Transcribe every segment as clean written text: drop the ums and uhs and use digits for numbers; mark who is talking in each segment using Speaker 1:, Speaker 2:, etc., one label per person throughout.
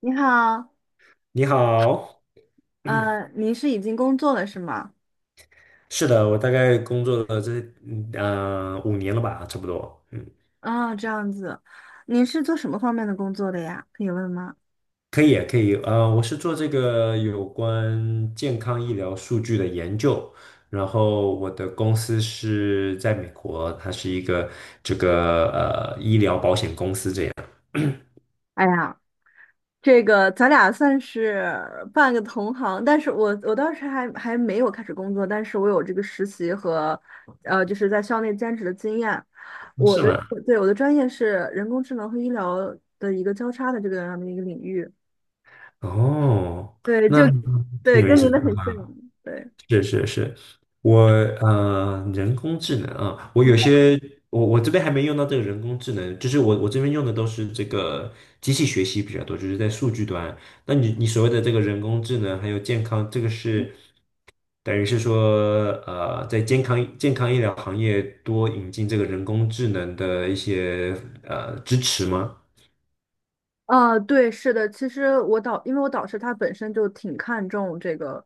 Speaker 1: 你好。
Speaker 2: 你好。
Speaker 1: 您是已经工作了是吗？
Speaker 2: 是的，我大概工作了这5年了吧，差不多。嗯。
Speaker 1: 啊，这样子。您是做什么方面的工作的呀？可以问吗？
Speaker 2: 可以可以。我是做这个有关健康医疗数据的研究，然后我的公司是在美国，它是一个医疗保险公司这样。
Speaker 1: 哎呀，这个咱俩算是半个同行，但是我当时还没有开始工作，但是我有这个实习和就是在校内兼职的经验。我
Speaker 2: 是
Speaker 1: 的，
Speaker 2: 吗？
Speaker 1: 对，我的专业是人工智能和医疗的一个交叉的这个样的一个领域，
Speaker 2: 哦，
Speaker 1: 对，就，
Speaker 2: 那挺
Speaker 1: 对，
Speaker 2: 有意
Speaker 1: 跟您
Speaker 2: 思
Speaker 1: 的
Speaker 2: 的。
Speaker 1: 很像，对。
Speaker 2: 是是是。我人工智能啊，我有些我我这边还没用到这个人工智能，就是我这边用的都是这个机器学习比较多，就是在数据端。那你所谓的这个人工智能还有健康，这个是等于是说在健康医疗行业多引进这个人工智能的一些支持吗？
Speaker 1: 啊，对，是的，其实我导，因为我导师他本身就挺看重这个，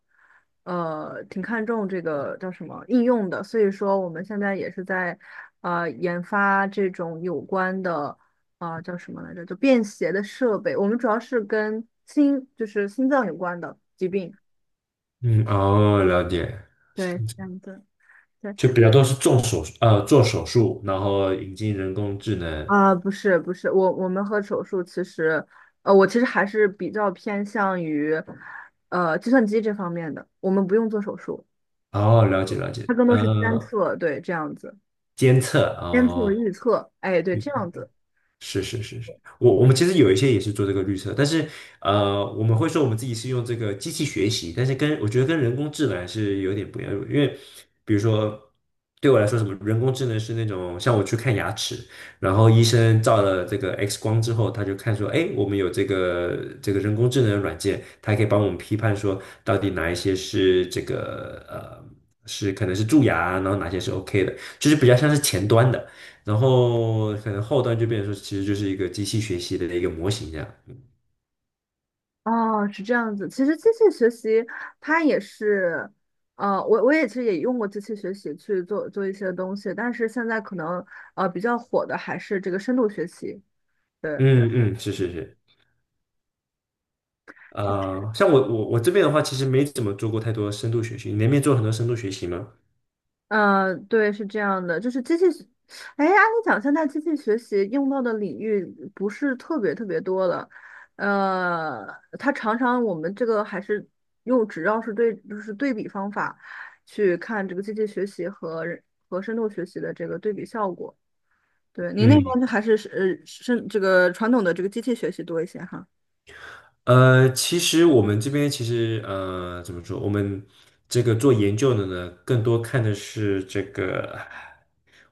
Speaker 1: 挺看重这个叫什么应用的，所以说我们现在也是在，研发这种有关的。啊、叫什么来着？就便携的设备。我们主要是跟心，就是心脏有关的疾病。
Speaker 2: 嗯。哦，了解。
Speaker 1: 对，这样子。对，
Speaker 2: 就比较多是做手术，然后引进人工智能。
Speaker 1: 啊、不是不是，我我们和手术其实，我其实还是比较偏向于，计算机这方面的，我们不用做手术。
Speaker 2: 哦，了解了解。
Speaker 1: 它更多是监测，对，这样子。
Speaker 2: 监测
Speaker 1: 监测
Speaker 2: 哦。
Speaker 1: 预测，哎，对，这样子。
Speaker 2: 是是是是。我们其实有一些也是做这个绿色，但是我们会说我们自己是用这个机器学习，但是跟我觉得跟人工智能还是有点不一样，因为比如说对我来说，什么人工智能是那种像我去看牙齿，然后医生照了这个 X 光之后，他就看说，哎，我们有这个人工智能软件，它可以帮我们批判说到底哪一些是可能是蛀牙，然后哪些是 OK 的，就是比较像是前端的。然后可能后端就变成说，其实就是一个机器学习的一个模型这样。
Speaker 1: 哦，是这样子。其实机器学习它也是，我也其实也用过机器学习去做一些东西，但是现在可能比较火的还是这个深度学习，对。
Speaker 2: 嗯嗯。是是是。像我这边的话，其实没怎么做过太多深度学习。你那边做很多深度学习吗？
Speaker 1: 嗯，对，是这样的，就是机器学，哎，按理讲，现在机器学习用到的领域不是特别多了，呃，它常常我们这个还是用只要是对，就是对比方法去看这个机器学习和人和深度学习的这个对比效果。对，您那
Speaker 2: 嗯。
Speaker 1: 边还是是深这个传统的这个机器学习多一些哈。
Speaker 2: 其实我们这边其实怎么说？我们这个做研究的呢，更多看的是这个，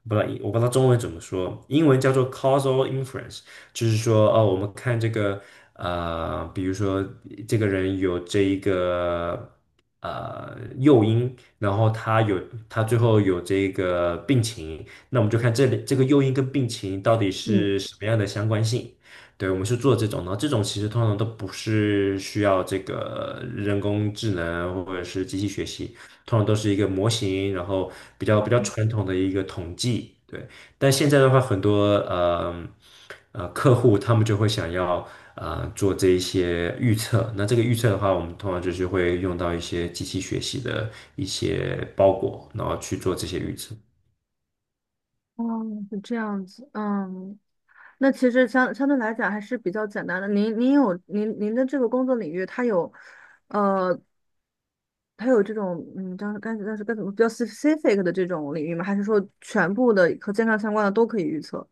Speaker 2: 我不知道中文怎么说，英文叫做 causal inference。就是说哦，我们看这个比如说这个人有这一个诱因，然后他最后有这个病情，那我们就看这里这个诱因跟病情到底
Speaker 1: 嗯，
Speaker 2: 是什么样的相关性。对，我们是做这种的，然后这种其实通常都不是需要这个人工智能或者是机器学习，通常都是一个模型，然后比较传统的一个统计。对，但现在的话，很多客户他们就会想要做这一些预测，那这个预测的话，我们通常就是会用到一些机器学习的一些包裹，然后去做这些预测。
Speaker 1: 哦，是这样子，嗯，那其实相对来讲还是比较简单的。您有您的这个工作领域，它有，呃，它有这种嗯，当时该但是该怎么比较 specific 的这种领域吗？还是说全部的和健康相关的都可以预测？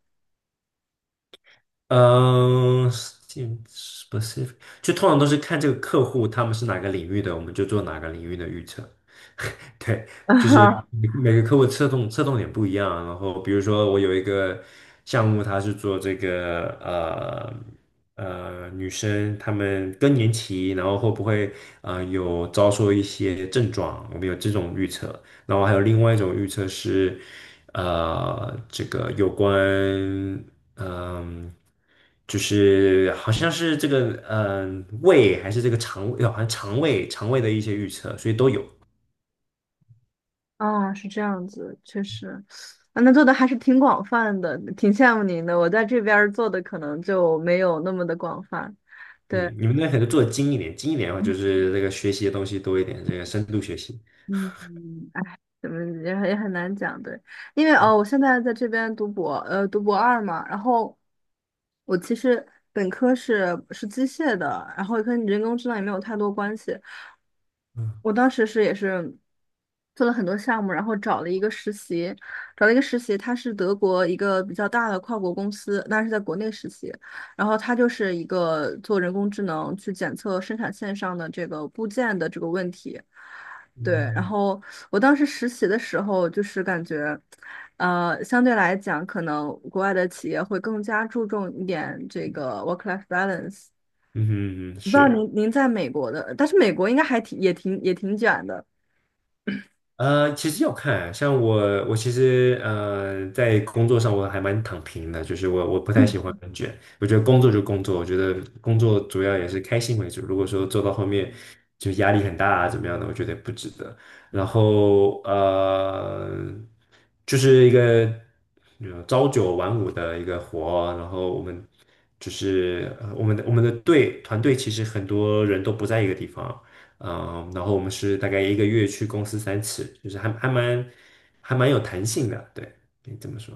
Speaker 2: 嗯，specific，就通常都是看这个客户他们是哪个领域的，我们就做哪个领域的预测。对，就是
Speaker 1: 啊
Speaker 2: 每个客户侧重点不一样啊。然后比如说我有一个项目，它是做这个女生她们更年期，然后会不会有遭受一些症状，我们有这种预测。然后还有另外一种预测是这个有关嗯。就是好像是这个，胃还是这个肠胃，哦好像肠胃的一些预测，所以都有。
Speaker 1: 啊，是这样子，确实。啊，那做的还是挺广泛的，挺羡慕您的。我在这边儿做的可能就没有那么的广泛。对。
Speaker 2: 嗯。你们那可能做的精一点，精一点的话就是那个学习的东西多一点，这个深度学习。
Speaker 1: 嗯，哎，怎么也很难讲，对，因为哦，我现在在这边读博，读博二嘛，然后我其实本科是机械的，然后跟人工智能也没有太多关系。
Speaker 2: 嗯
Speaker 1: 我当时是也是做了很多项目，然后找了一个实习，找了一个实习，他是德国一个比较大的跨国公司，那是在国内实习，然后他就是一个做人工智能去检测生产线上的这个部件的这个问题。对，然
Speaker 2: 嗯
Speaker 1: 后我当时实习的时候，就是感觉，相对来讲，可能国外的企业会更加注重一点这个 work-life balance。
Speaker 2: 嗯哼。嗯，
Speaker 1: 我不知道
Speaker 2: 是。
Speaker 1: 您在美国的，但是美国应该还挺也挺也挺卷的。
Speaker 2: 其实要看，我其实在工作上我还蛮躺平的，就是我不太喜欢
Speaker 1: 嗯，
Speaker 2: 很卷，我觉得工作就工作，我觉得工作主要也是开心为主。如果说做到后面就压力很大啊，怎么样的，我觉得不值得。然后就是一个朝九晚五的一个活，然后我们就是我们的团队其实很多人都不在一个地方。嗯。然后我们是大概一个月去公司3次，就是还蛮有弹性的，对，可以这么说。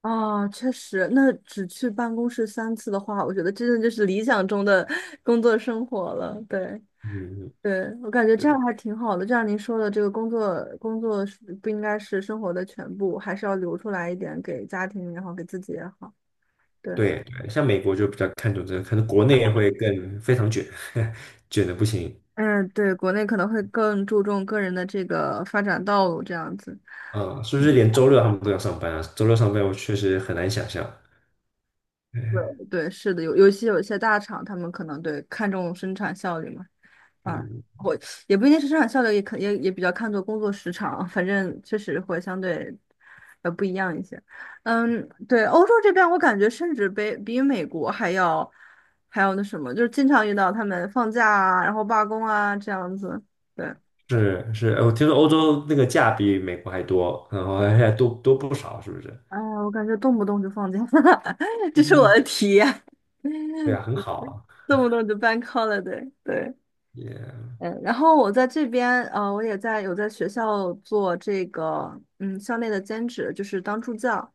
Speaker 1: 啊确实，那只去办公室三次的话，我觉得真的就是理想中的工作生活了。对，
Speaker 2: 嗯。
Speaker 1: 对，我感觉这
Speaker 2: 对
Speaker 1: 样还挺好的。就像您说的，这个工作是不应该是生活的全部，还是要留出来一点给家庭也好，给自己也好。对，
Speaker 2: 对对，像美国就比较看重这个，可能国内会更非常卷。卷的不行。
Speaker 1: 嗯，对，国内可能会更注重个人的这个发展道路这样子。
Speaker 2: 嗯。是不是连周六他们都要上班啊？周六上班我确实很难想象。
Speaker 1: 对，对，是的，有尤其有些大厂，他们可能对看重生产效率嘛。啊，
Speaker 2: 嗯，
Speaker 1: 我也不一定是生产效率，也可也也比较看重工作时长，反正确实会相对不一样一些。嗯，对，欧洲这边我感觉甚至比美国还要那什么，就是经常遇到他们放假啊，然后罢工啊这样子。对，
Speaker 2: 是是，我听说欧洲那个假比美国还多，然后还多不少，是不是？
Speaker 1: 哎 呀，我感觉动不动就放假，这是我
Speaker 2: 嗯，
Speaker 1: 的体验，
Speaker 2: 对啊，很 好啊。
Speaker 1: 动不动就 b a 了，对对，
Speaker 2: 也、
Speaker 1: 嗯，然后我在这边，呃，我也在有在学校做这个，嗯，校内的兼职，就是当助教，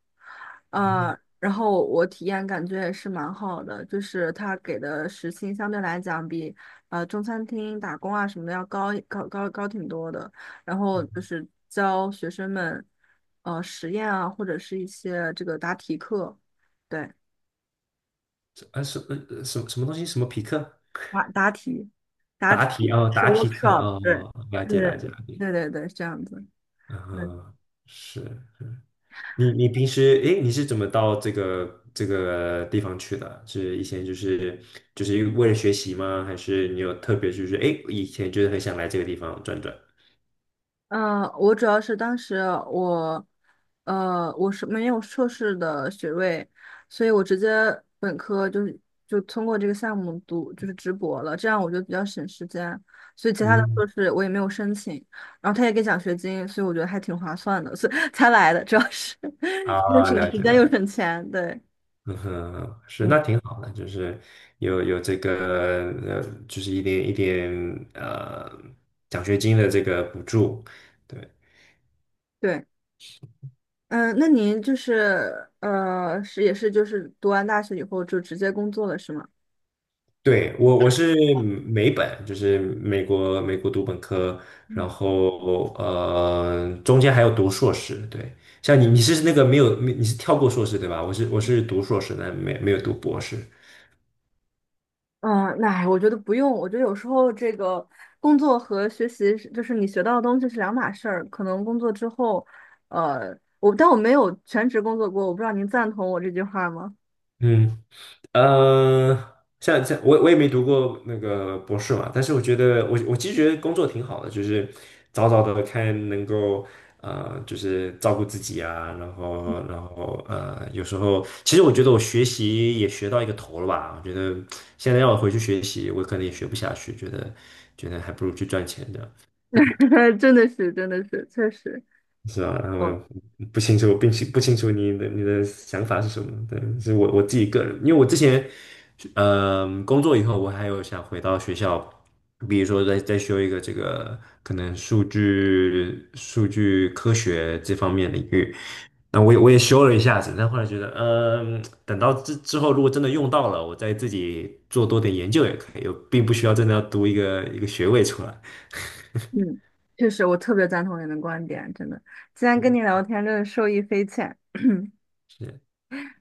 Speaker 2: 嗯。
Speaker 1: 然后我体验感觉也是蛮好的，就是他给的时薪相对来讲比，中餐厅打工啊什么的要高挺多的，然后就
Speaker 2: 嗯。
Speaker 1: 是教学生们，实验啊，或者是一些这个答题课，对，
Speaker 2: 啊。什么东西？什么匹克？
Speaker 1: 答题，答
Speaker 2: 答
Speaker 1: 题
Speaker 2: 题哦？
Speaker 1: 是
Speaker 2: 答题课
Speaker 1: workshop，对，
Speaker 2: 哦，了
Speaker 1: 对
Speaker 2: 解
Speaker 1: 对
Speaker 2: 了解了解。
Speaker 1: 对对对，是这样子。嗯，
Speaker 2: 嗯，是你平时诶，你是怎么到这个地方去的啊？是以前就是为了学习吗？还是你有特别就是诶，以前就是很想来这个地方转转？
Speaker 1: 我主要是当时我，我是没有硕士的学位，所以我直接本科就是就通过这个项目读就是直博了，这样我就比较省时间，所以其他的
Speaker 2: 嗯。
Speaker 1: 硕士我也没有申请，然后他也给奖学金，所以我觉得还挺划算的，所以 才来的，主要是 又
Speaker 2: 啊，
Speaker 1: 省
Speaker 2: 了
Speaker 1: 时
Speaker 2: 解
Speaker 1: 间
Speaker 2: 了。
Speaker 1: 又省钱，对
Speaker 2: 嗯哼，是
Speaker 1: 嗯，
Speaker 2: 那挺好的，就是有这个就是一点一点呃奖学金的这个补助，对。
Speaker 1: 对，嗯，那您就是，是也是就是读完大学以后就直接工作了是吗？
Speaker 2: 对，我是美本，就是美国读本科，然后中间还有读硕士。对，像你是那个没有你是跳过硕士对吧？我是读硕士但没有读博士。
Speaker 1: 嗯，那哎我觉得不用。我觉得有时候这个工作和学习是，就是你学到的东西是两码事儿。可能工作之后，我但我没有全职工作过，我不知道您赞同我这句话吗？
Speaker 2: 嗯。呃，像我也没读过那个博士嘛，但是我觉得我其实觉得工作挺好的，就是早早的看能够就是照顾自己啊，然后有时候其实我觉得我学习也学到一个头了吧，我觉得现在让我回去学习，我可能也学不下去，觉得还不如去赚钱这样。
Speaker 1: 真的是，真的是，确实，
Speaker 2: 是吧？然后
Speaker 1: 嗯
Speaker 2: 我不清楚，并不清楚你的想法是什么？对，是我自己个人，因为我之前，工作以后，我还有想回到学校，比如说再修一个这个可能数据科学这方面领域，那我也修了一下子，但后来觉得，等到之后如果真的用到了，我再自己做多点研究也可以，我并不需要真的要读一个学位出来。
Speaker 1: 嗯，确实，我特别赞同您的观点，真的。今天跟你聊天真的受益匪浅。
Speaker 2: 是。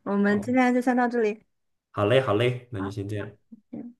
Speaker 1: 我们今
Speaker 2: 好，
Speaker 1: 天就先到这里，
Speaker 2: 好嘞，好嘞，那就
Speaker 1: 好，
Speaker 2: 先这样。
Speaker 1: 好，谢谢